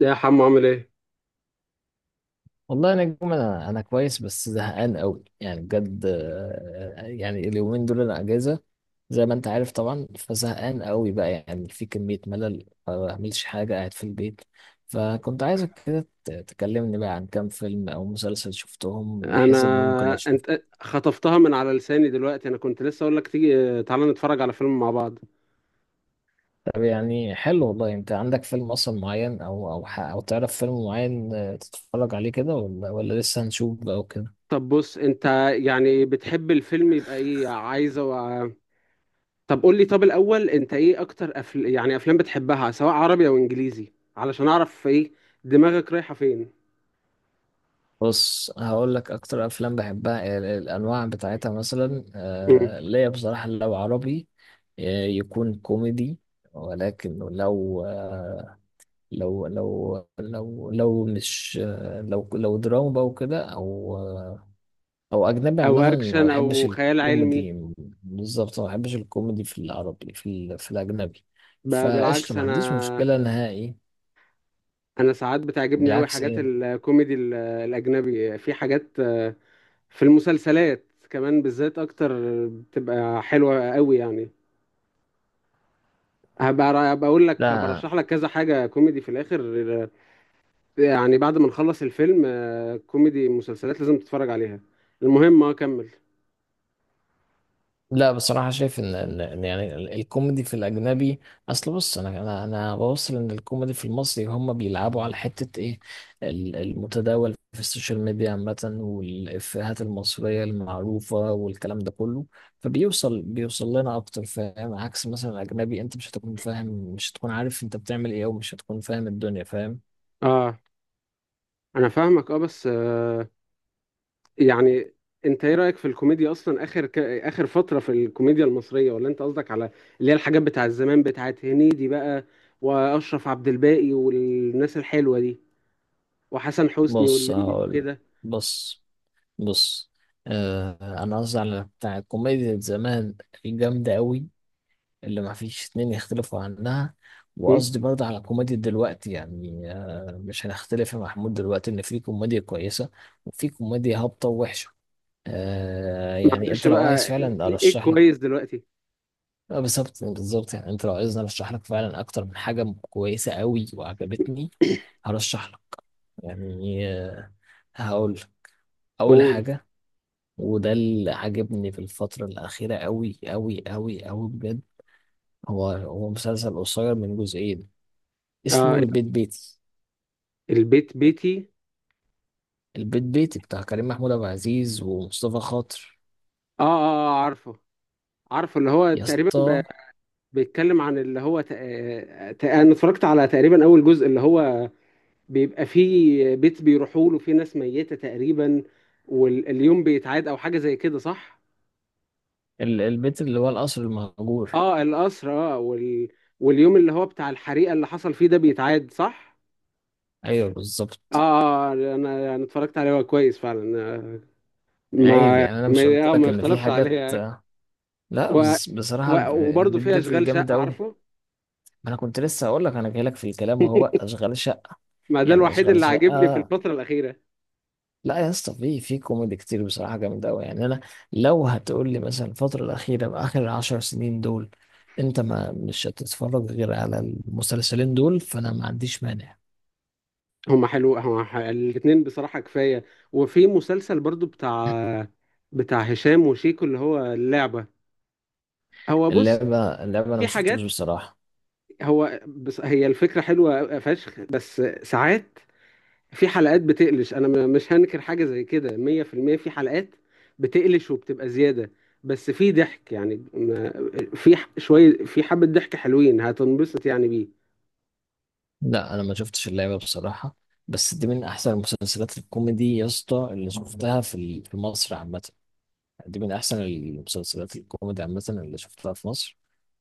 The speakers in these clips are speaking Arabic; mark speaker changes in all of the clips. Speaker 1: يا حمو عامل ايه؟
Speaker 2: والله يا نجم، انا كويس، بس زهقان قوي يعني بجد. يعني اليومين دول انا اجازه، زي ما انت عارف طبعا، فزهقان قوي بقى، يعني في كميه ملل، ما بعملش حاجه قاعد في البيت. فكنت عايزك كده تكلمني بقى عن كام فيلم او مسلسل شفتهم، بحيث ان ممكن
Speaker 1: انا
Speaker 2: اشوف.
Speaker 1: انت خطفتها من على لساني دلوقتي، انا كنت لسه اقول لك تيجي تعالى نتفرج على فيلم مع بعض.
Speaker 2: طب يعني حلو والله، انت عندك فيلم اصلا معين، او تعرف فيلم معين تتفرج عليه كده، ولا لسه هنشوف بقى؟
Speaker 1: طب بص انت، يعني بتحب الفيلم يبقى ايه عايزه طب قول لي، طب الاول انت ايه اكتر أفل... يعني افلام بتحبها، سواء عربي او انجليزي، علشان اعرف ايه دماغك رايحه فين.
Speaker 2: بص، هقول لك اكتر افلام بحبها الانواع بتاعتها، مثلا
Speaker 1: مم.
Speaker 2: ليا بصراحه، لو عربي يكون كوميدي، ولكن لو مش آه، لو لو دراما بقى وكده، او اجنبي
Speaker 1: او
Speaker 2: عامه ما
Speaker 1: اكشن
Speaker 2: بحبش
Speaker 1: او خيال علمي.
Speaker 2: الكوميدي. بالظبط، ما بحبش الكوميدي في العربي، في الاجنبي، فقشطه
Speaker 1: بالعكس،
Speaker 2: ما عنديش
Speaker 1: انا
Speaker 2: مشكله نهائي.
Speaker 1: انا ساعات بتعجبني قوي
Speaker 2: بالعكس،
Speaker 1: حاجات
Speaker 2: ايه؟
Speaker 1: الكوميدي الاجنبي، في حاجات في المسلسلات كمان بالذات، اكتر بتبقى حلوه قوي يعني. هبقى اقول لك، هبقى
Speaker 2: لا،
Speaker 1: ارشح لك كذا حاجه كوميدي في الاخر، يعني بعد ما نخلص الفيلم. كوميدي مسلسلات لازم تتفرج عليها. المهم كمل.
Speaker 2: لا، بصراحة شايف إن يعني الكوميدي في الأجنبي. أصل بص، أنا بوصل إن الكوميدي في المصري، هم بيلعبوا على حتة إيه؟ المتداول في السوشيال ميديا عامة، والإفيهات المصرية المعروفة، والكلام ده كله. فبيوصل لنا أكتر، فاهم؟ عكس مثلا الأجنبي، أنت مش هتكون فاهم، مش هتكون عارف أنت بتعمل إيه، ومش هتكون فاهم الدنيا، فاهم؟
Speaker 1: اه انا فاهمك، اه بس آه يعني انت ايه رايك في الكوميديا اصلا؟ اخر اخر فتره في الكوميديا المصريه، ولا انت قصدك على اللي هي الحاجات بتاع زمان، بتاعت هنيدي بقى، واشرف عبد الباقي والناس الحلوه دي، وحسن حسني
Speaker 2: بص
Speaker 1: واللمبي
Speaker 2: هقول
Speaker 1: وكده؟
Speaker 2: بص بص أنا قصدي على بتاع الكوميديا زمان، الجامدة أوي، اللي ما فيش اتنين يختلفوا عنها. وقصدي برضه على كوميديا دلوقتي، يعني مش هنختلف يا محمود دلوقتي ان في كوميديا كويسة، وفي كوميديا هابطة ووحشة. يعني
Speaker 1: معلش
Speaker 2: انت لو عايز
Speaker 1: بقى،
Speaker 2: فعلا
Speaker 1: ايه إيه
Speaker 2: ارشح لك،
Speaker 1: كويس دلوقتي؟
Speaker 2: بالظبط بالظبط. يعني انت لو عايزني ارشح لك فعلا اكتر من حاجة كويسة قوي وعجبتني، هرشح لك. يعني، هقول اول
Speaker 1: قول.
Speaker 2: حاجة، وده اللي عجبني في الفترة الأخيرة قوي قوي قوي قوي بجد. هو مسلسل قصير من جزئين، اسمه
Speaker 1: اه،
Speaker 2: البيت بيتي.
Speaker 1: البيت بيتي.
Speaker 2: البيت بيتي بتاع كريم محمود عبد العزيز ومصطفى خاطر،
Speaker 1: اه اه، عارفه، عارفه، اللي هو
Speaker 2: يا
Speaker 1: تقريبا
Speaker 2: اسطى.
Speaker 1: بيتكلم عن اللي هو انا اتفرجت على تقريبا اول جزء، اللي هو بيبقى فيه بيت بيروحوا له، فيه ناس ميتة تقريبا، واليوم بيتعاد او حاجة زي كده، صح؟
Speaker 2: البيت اللي هو القصر المهجور،
Speaker 1: اه القصر، اه واليوم اللي هو بتاع الحريقة اللي حصل فيه ده بيتعاد، صح؟
Speaker 2: ايوه
Speaker 1: اه،
Speaker 2: بالظبط.
Speaker 1: انا اتفرجت عليه، هو كويس فعلا.
Speaker 2: عيب يعني، انا مش قلت
Speaker 1: ما
Speaker 2: لك ان في
Speaker 1: يختلفش
Speaker 2: حاجات؟
Speaker 1: عليه.
Speaker 2: لا
Speaker 1: و...
Speaker 2: بس بصراحه الب-
Speaker 1: وبرضه
Speaker 2: البيت
Speaker 1: فيها
Speaker 2: بيتي
Speaker 1: اشغال
Speaker 2: جامد
Speaker 1: شقه،
Speaker 2: قوي.
Speaker 1: عارفه.
Speaker 2: انا كنت لسه هقول لك، انا جاي لك في الكلام اهو بقى، اشغال شقه.
Speaker 1: ما ده
Speaker 2: يعني
Speaker 1: الوحيد
Speaker 2: اشغال
Speaker 1: اللي عاجبني في
Speaker 2: شقه.
Speaker 1: الفتره الاخيره.
Speaker 2: لا يا اسطى، في كوميدي كتير بصراحه جامد قوي، يعني انا لو هتقول لي مثلا الفتره الاخيره اخر 10 سنين دول، انت ما مش هتتفرج غير على المسلسلين دول، فانا ما عنديش مانع.
Speaker 1: هما حلو، الاتنين بصراحه كفايه. وفي مسلسل برضه بتاع هشام وشيكو، اللي هو اللعبه. هو بص،
Speaker 2: اللعبه، انا ما
Speaker 1: في
Speaker 2: شفتوش
Speaker 1: حاجات،
Speaker 2: بصراحه.
Speaker 1: هو بس هي الفكره حلوه فشخ، بس ساعات في حلقات بتقلش. انا مش هنكر، حاجه زي كده 100% في المية. في حلقات بتقلش وبتبقى زياده، بس في ضحك يعني، شويه، في حبه ضحك حلوين، هتنبسط يعني بيه.
Speaker 2: لا انا ما شفتش اللعبه بصراحه، بس دي من احسن المسلسلات الكوميدي يا اسطى، اللي شفتها في مصر عامه. دي من أحسن المسلسلات الكوميدي عامة اللي شفتها في مصر،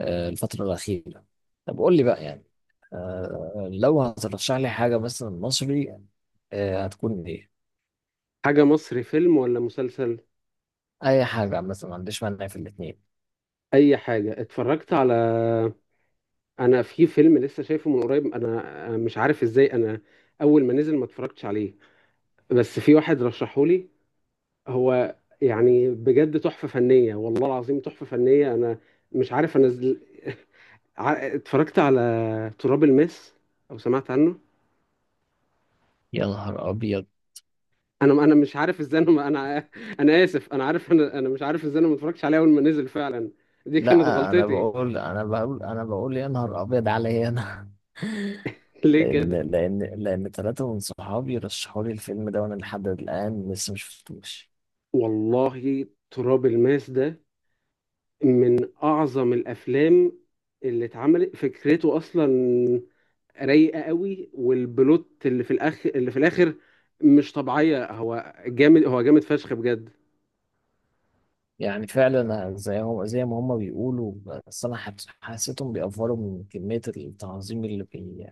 Speaker 2: الفترة الأخيرة. طب قول لي بقى، يعني لو هترشح لي حاجة مثلا مصري، هتكون إيه؟
Speaker 1: حاجة مصري، فيلم ولا مسلسل؟
Speaker 2: أي حاجة مثلا، ما عنديش مانع في الاتنين.
Speaker 1: أي حاجة اتفرجت على، أنا في فيلم لسه شايفه من قريب. أنا مش عارف إزاي أنا أول ما نزل ما اتفرجتش عليه. بس في واحد رشحولي، هو يعني بجد تحفة فنية، والله العظيم تحفة فنية. أنا مش عارف، أنا اتفرجت على تراب الماس، أو سمعت عنه؟
Speaker 2: يا نهار أبيض!
Speaker 1: أنا مش عارف إزاي أنا ما- أنا أنا آسف، أنا عارف، أنا مش عارف إزاي أنا ما اتفرجتش عليه أول ما نزل فعلا. دي كانت
Speaker 2: لا، أنا
Speaker 1: غلطتي.
Speaker 2: بقول أنا بقول أنا بقول يا نهار أبيض عليا أنا.
Speaker 1: ليه
Speaker 2: لأن
Speaker 1: كده؟
Speaker 2: لأن لأن 3 من صحابي رشحوا لي الفيلم ده، وأنا لحد الآن لسه مشفتوش.
Speaker 1: والله تراب الماس ده من أعظم الأفلام اللي اتعملت، فكرته أصلا رايقة قوي، والبلوت اللي في الآخر، اللي في الآخر مش طبيعية، هو جامد، هو جامد فشخ بجد.
Speaker 2: يعني فعلا، زي ما هم بيقولوا، بس انا حسيتهم بيأفوروا من كمية التعظيم اللي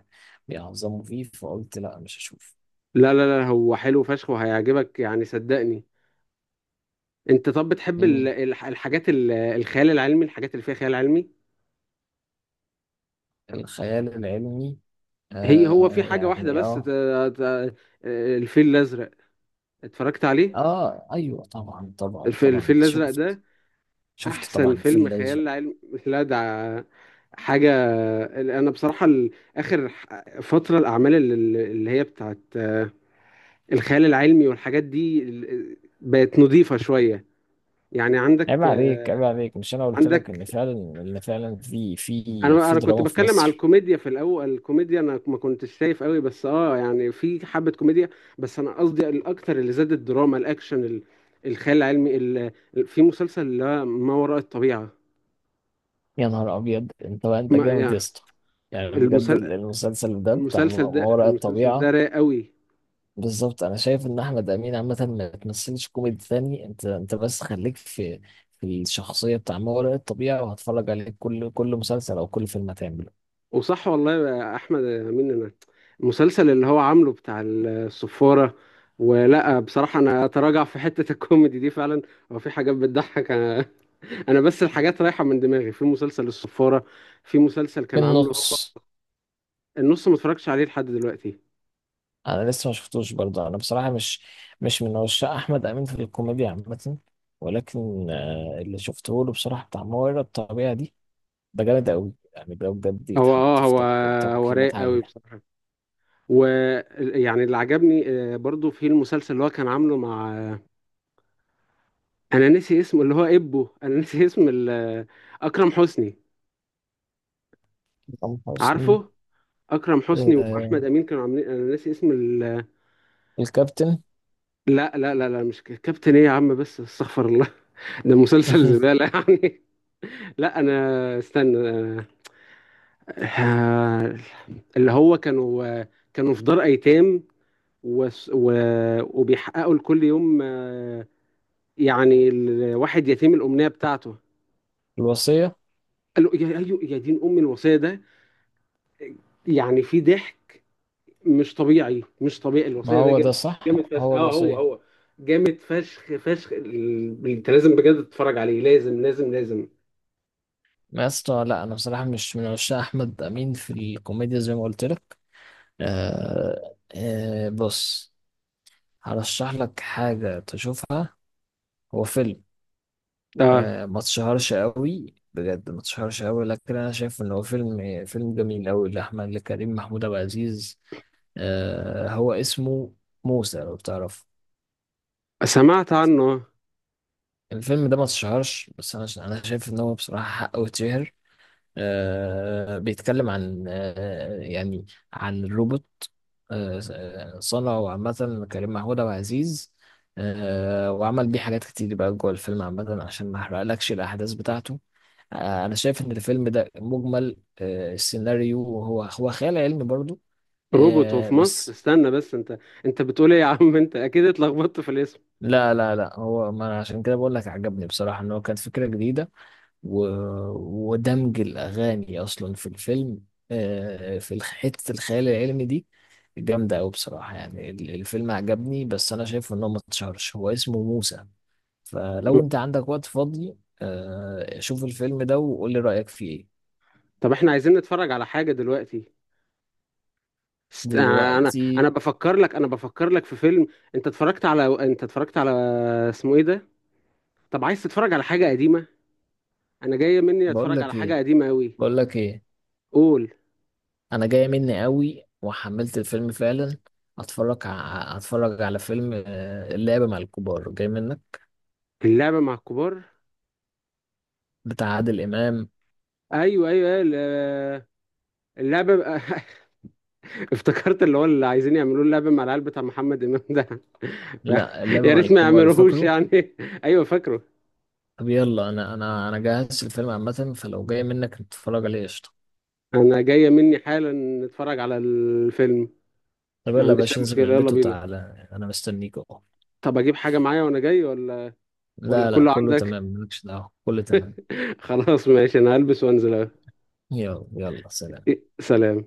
Speaker 2: بيعظموا فيه، فقلت لا، مش هشوف.
Speaker 1: لا، هو حلو فشخ وهيعجبك يعني، صدقني. أنت طب بتحب
Speaker 2: مم.
Speaker 1: الحاجات الخيال العلمي، الحاجات اللي فيها خيال علمي؟
Speaker 2: الخيال العلمي،
Speaker 1: هي هو في حاجة واحدة
Speaker 2: يعني
Speaker 1: بس،
Speaker 2: اه.
Speaker 1: ت- الفيل الأزرق، اتفرجت عليه؟
Speaker 2: اه، ايوه طبعا طبعا طبعا
Speaker 1: الفيل الأزرق
Speaker 2: شفت.
Speaker 1: ده
Speaker 2: شفت
Speaker 1: احسن
Speaker 2: طبعا، في
Speaker 1: فيلم
Speaker 2: الازرق.
Speaker 1: خيال علمي. لا ده حاجه. انا بصراحه فتره الاعمال اللي هي بتاعت الخيال العلمي والحاجات دي بقت نظيفه شويه. يعني عندك،
Speaker 2: عيب عليك، عيب عليك، مش انا قلت لك ان
Speaker 1: عندك،
Speaker 2: فعلا ان فعلا في في
Speaker 1: انا
Speaker 2: في
Speaker 1: انا كنت
Speaker 2: دراما في
Speaker 1: بتكلم على
Speaker 2: مصر؟
Speaker 1: الكوميديا في الاول، الكوميديا انا ما كنتش شايف قوي، بس اه يعني في حبه كوميديا. بس انا قصدي الاكتر اللي زاد، الدراما، الاكشن، الخيال العلمي، في مسلسل اللي هو ما وراء الطبيعه.
Speaker 2: يا نهار ابيض، انت بقى انت
Speaker 1: ما
Speaker 2: جامد
Speaker 1: يعني،
Speaker 2: يا اسطى! يعني بجد،
Speaker 1: المسلسل
Speaker 2: المسلسل ده بتاع ما
Speaker 1: المسلسل ده
Speaker 2: وراء
Speaker 1: المسلسل ده
Speaker 2: الطبيعة.
Speaker 1: رايق قوي.
Speaker 2: بالظبط، انا شايف ان احمد امين عامه ما تمثلش كوميدي تاني. انت بس خليك في الشخصيه بتاع ما وراء الطبيعه، وهتفرج عليه كل مسلسل او كل فيلم هتعمله.
Speaker 1: وصح والله يا احمد يا امين، انا المسلسل اللي هو عامله بتاع الصفارة، ولا بصراحة انا اتراجع في حتة الكوميدي دي فعلا، هو في حاجات بتضحك. انا انا بس الحاجات رايحة من دماغي، في مسلسل الصفارة، في مسلسل
Speaker 2: في
Speaker 1: كان عامله هو
Speaker 2: النص.
Speaker 1: النص، ما اتفرجتش عليه لحد دلوقتي.
Speaker 2: انا لسه ما شفتوش برضه، انا بصراحه مش من عشاق احمد امين في الكوميديا عامه. ولكن اللي شفته له بصراحه، بتاع ما وراء الطبيعه دي، ده جامد قوي. يعني ده بجد
Speaker 1: هو اه
Speaker 2: يتحط في
Speaker 1: هو
Speaker 2: تق-
Speaker 1: هو
Speaker 2: تقييمات
Speaker 1: رايق قوي
Speaker 2: عاليه.
Speaker 1: بصراحة. ويعني اللي عجبني، برضو في المسلسل اللي هو كان عامله مع، انا نسي اسمه اللي هو ابو، انا نسي اسم اكرم حسني.
Speaker 2: حسام حسني،
Speaker 1: عارفه، اكرم حسني
Speaker 2: آه،
Speaker 1: واحمد امين كانوا عاملين، انا نسي اسم
Speaker 2: الكابتن.
Speaker 1: لا مش كابتن، ايه يا عم؟ بس استغفر الله، ده مسلسل زبالة يعني. لا انا استنى، آه، اللي هو كانوا، كانوا في دار ايتام، و... و... وبيحققوا لكل يوم، يعني الواحد يتيم الامنية بتاعته.
Speaker 2: الوصية.
Speaker 1: قالوا يا أيوة يا دين ام، الوصية ده، يعني في ضحك مش طبيعي، مش طبيعي،
Speaker 2: ما
Speaker 1: الوصية ده
Speaker 2: هو ده
Speaker 1: جامد،
Speaker 2: صح!
Speaker 1: جامد فشخ.
Speaker 2: هو
Speaker 1: اه هو،
Speaker 2: الوصية.
Speaker 1: هو جامد فشخ فشخ. انت لازم بجد تتفرج عليه، لازم لازم لازم.
Speaker 2: ما يا اسطى، لا انا بصراحة مش من عشاق احمد امين في الكوميديا زي ما قلت لك. بص، هرشح لك حاجة تشوفها. هو فيلم،
Speaker 1: اه
Speaker 2: ما تشهرش قوي بجد. ما تشهرش قوي، لكن انا شايف ان هو فيلم فيلم جميل قوي لكريم محمود عبد العزيز. هو اسمه موسى، لو بتعرف.
Speaker 1: سمعت عنه.
Speaker 2: الفيلم ده ما تشهرش، بس انا شايف ان هو بصراحة حقه يتشهر. بيتكلم عن، يعني، عن روبوت. صنعه عامة كريم محمود عبد العزيز، وعمل بيه حاجات كتير بقى جوه الفيلم عامة، عشان ما احرقلكش الأحداث بتاعته. أنا شايف إن الفيلم ده مجمل، السيناريو، هو خيال علمي برضو،
Speaker 1: روبوت وفي مصر؟
Speaker 2: بس.
Speaker 1: استنى بس، انت انت بتقول ايه يا عم؟ انت اكيد اتلخبطت في الاسم.
Speaker 2: لا، لا، لا، هو ما أنا عشان كده بقول لك عجبني بصراحة، إن هو كانت فكرة جديدة، و... ودمج الأغاني أصلا في الفيلم، في حتة الخيال العلمي دي. جامدة أوي بصراحة، يعني الفيلم عجبني، بس أنا شايف إن هو ما اتشهرش. هو اسمه موسى،
Speaker 1: م.
Speaker 2: فلو أنت عندك وقت فاضي شوف الفيلم ده وقول لي رأيك فيه إيه.
Speaker 1: طب احنا عايزين نتفرج على حاجة دلوقتي. است... آه، انا
Speaker 2: دلوقتي؟
Speaker 1: بفكر لك، انا بفكر لك في فيلم. انت اتفرجت على، انت اتفرجت على، اسمه ايه ده؟ طب عايز تتفرج على حاجة قديمة؟ انا جاية مني
Speaker 2: بقول
Speaker 1: اتفرج
Speaker 2: لك
Speaker 1: على حاجة
Speaker 2: إيه،
Speaker 1: قديمة قوي.
Speaker 2: بقول لك إيه،
Speaker 1: قول.
Speaker 2: أنا جاية مني أوي وحملت الفيلم فعلا. هتفرج على فيلم اللعبة مع الكبار، جاي منك؟
Speaker 1: اللعبة مع الكبار،
Speaker 2: بتاع عادل إمام.
Speaker 1: ايوه أيوة، اللعبه بقى- افتكرت اللي هو اللي عايزين يعملوه اللعبه مع العيال بتاع محمد امام ده.
Speaker 2: لا، اللعبة
Speaker 1: يا
Speaker 2: مع
Speaker 1: ريت ما
Speaker 2: الكبار،
Speaker 1: يعملوهوش
Speaker 2: فاكره؟
Speaker 1: يعني. ايوه فاكره.
Speaker 2: طب يلا، انا جهزت الفيلم عامة، فلو جاي منك نتفرج عليه، قشطة.
Speaker 1: انا جايه مني حالا نتفرج على الفيلم.
Speaker 2: طب
Speaker 1: ما
Speaker 2: يلا يا
Speaker 1: عنديش اي
Speaker 2: باشا، انزل من
Speaker 1: مشكله، يلا
Speaker 2: البيت
Speaker 1: بينا.
Speaker 2: وتعالى، انا مستنيك اهو.
Speaker 1: طب اجيب حاجه معايا وانا جاي ولا ولا
Speaker 2: لا، لا،
Speaker 1: كله
Speaker 2: كله تمام،
Speaker 1: عندك؟
Speaker 2: مالكش دعوة، كله تمام.
Speaker 1: خلاص ماشي، انا هلبس وانزل أهو.
Speaker 2: يلا يلا، سلام.
Speaker 1: إيه، سلام.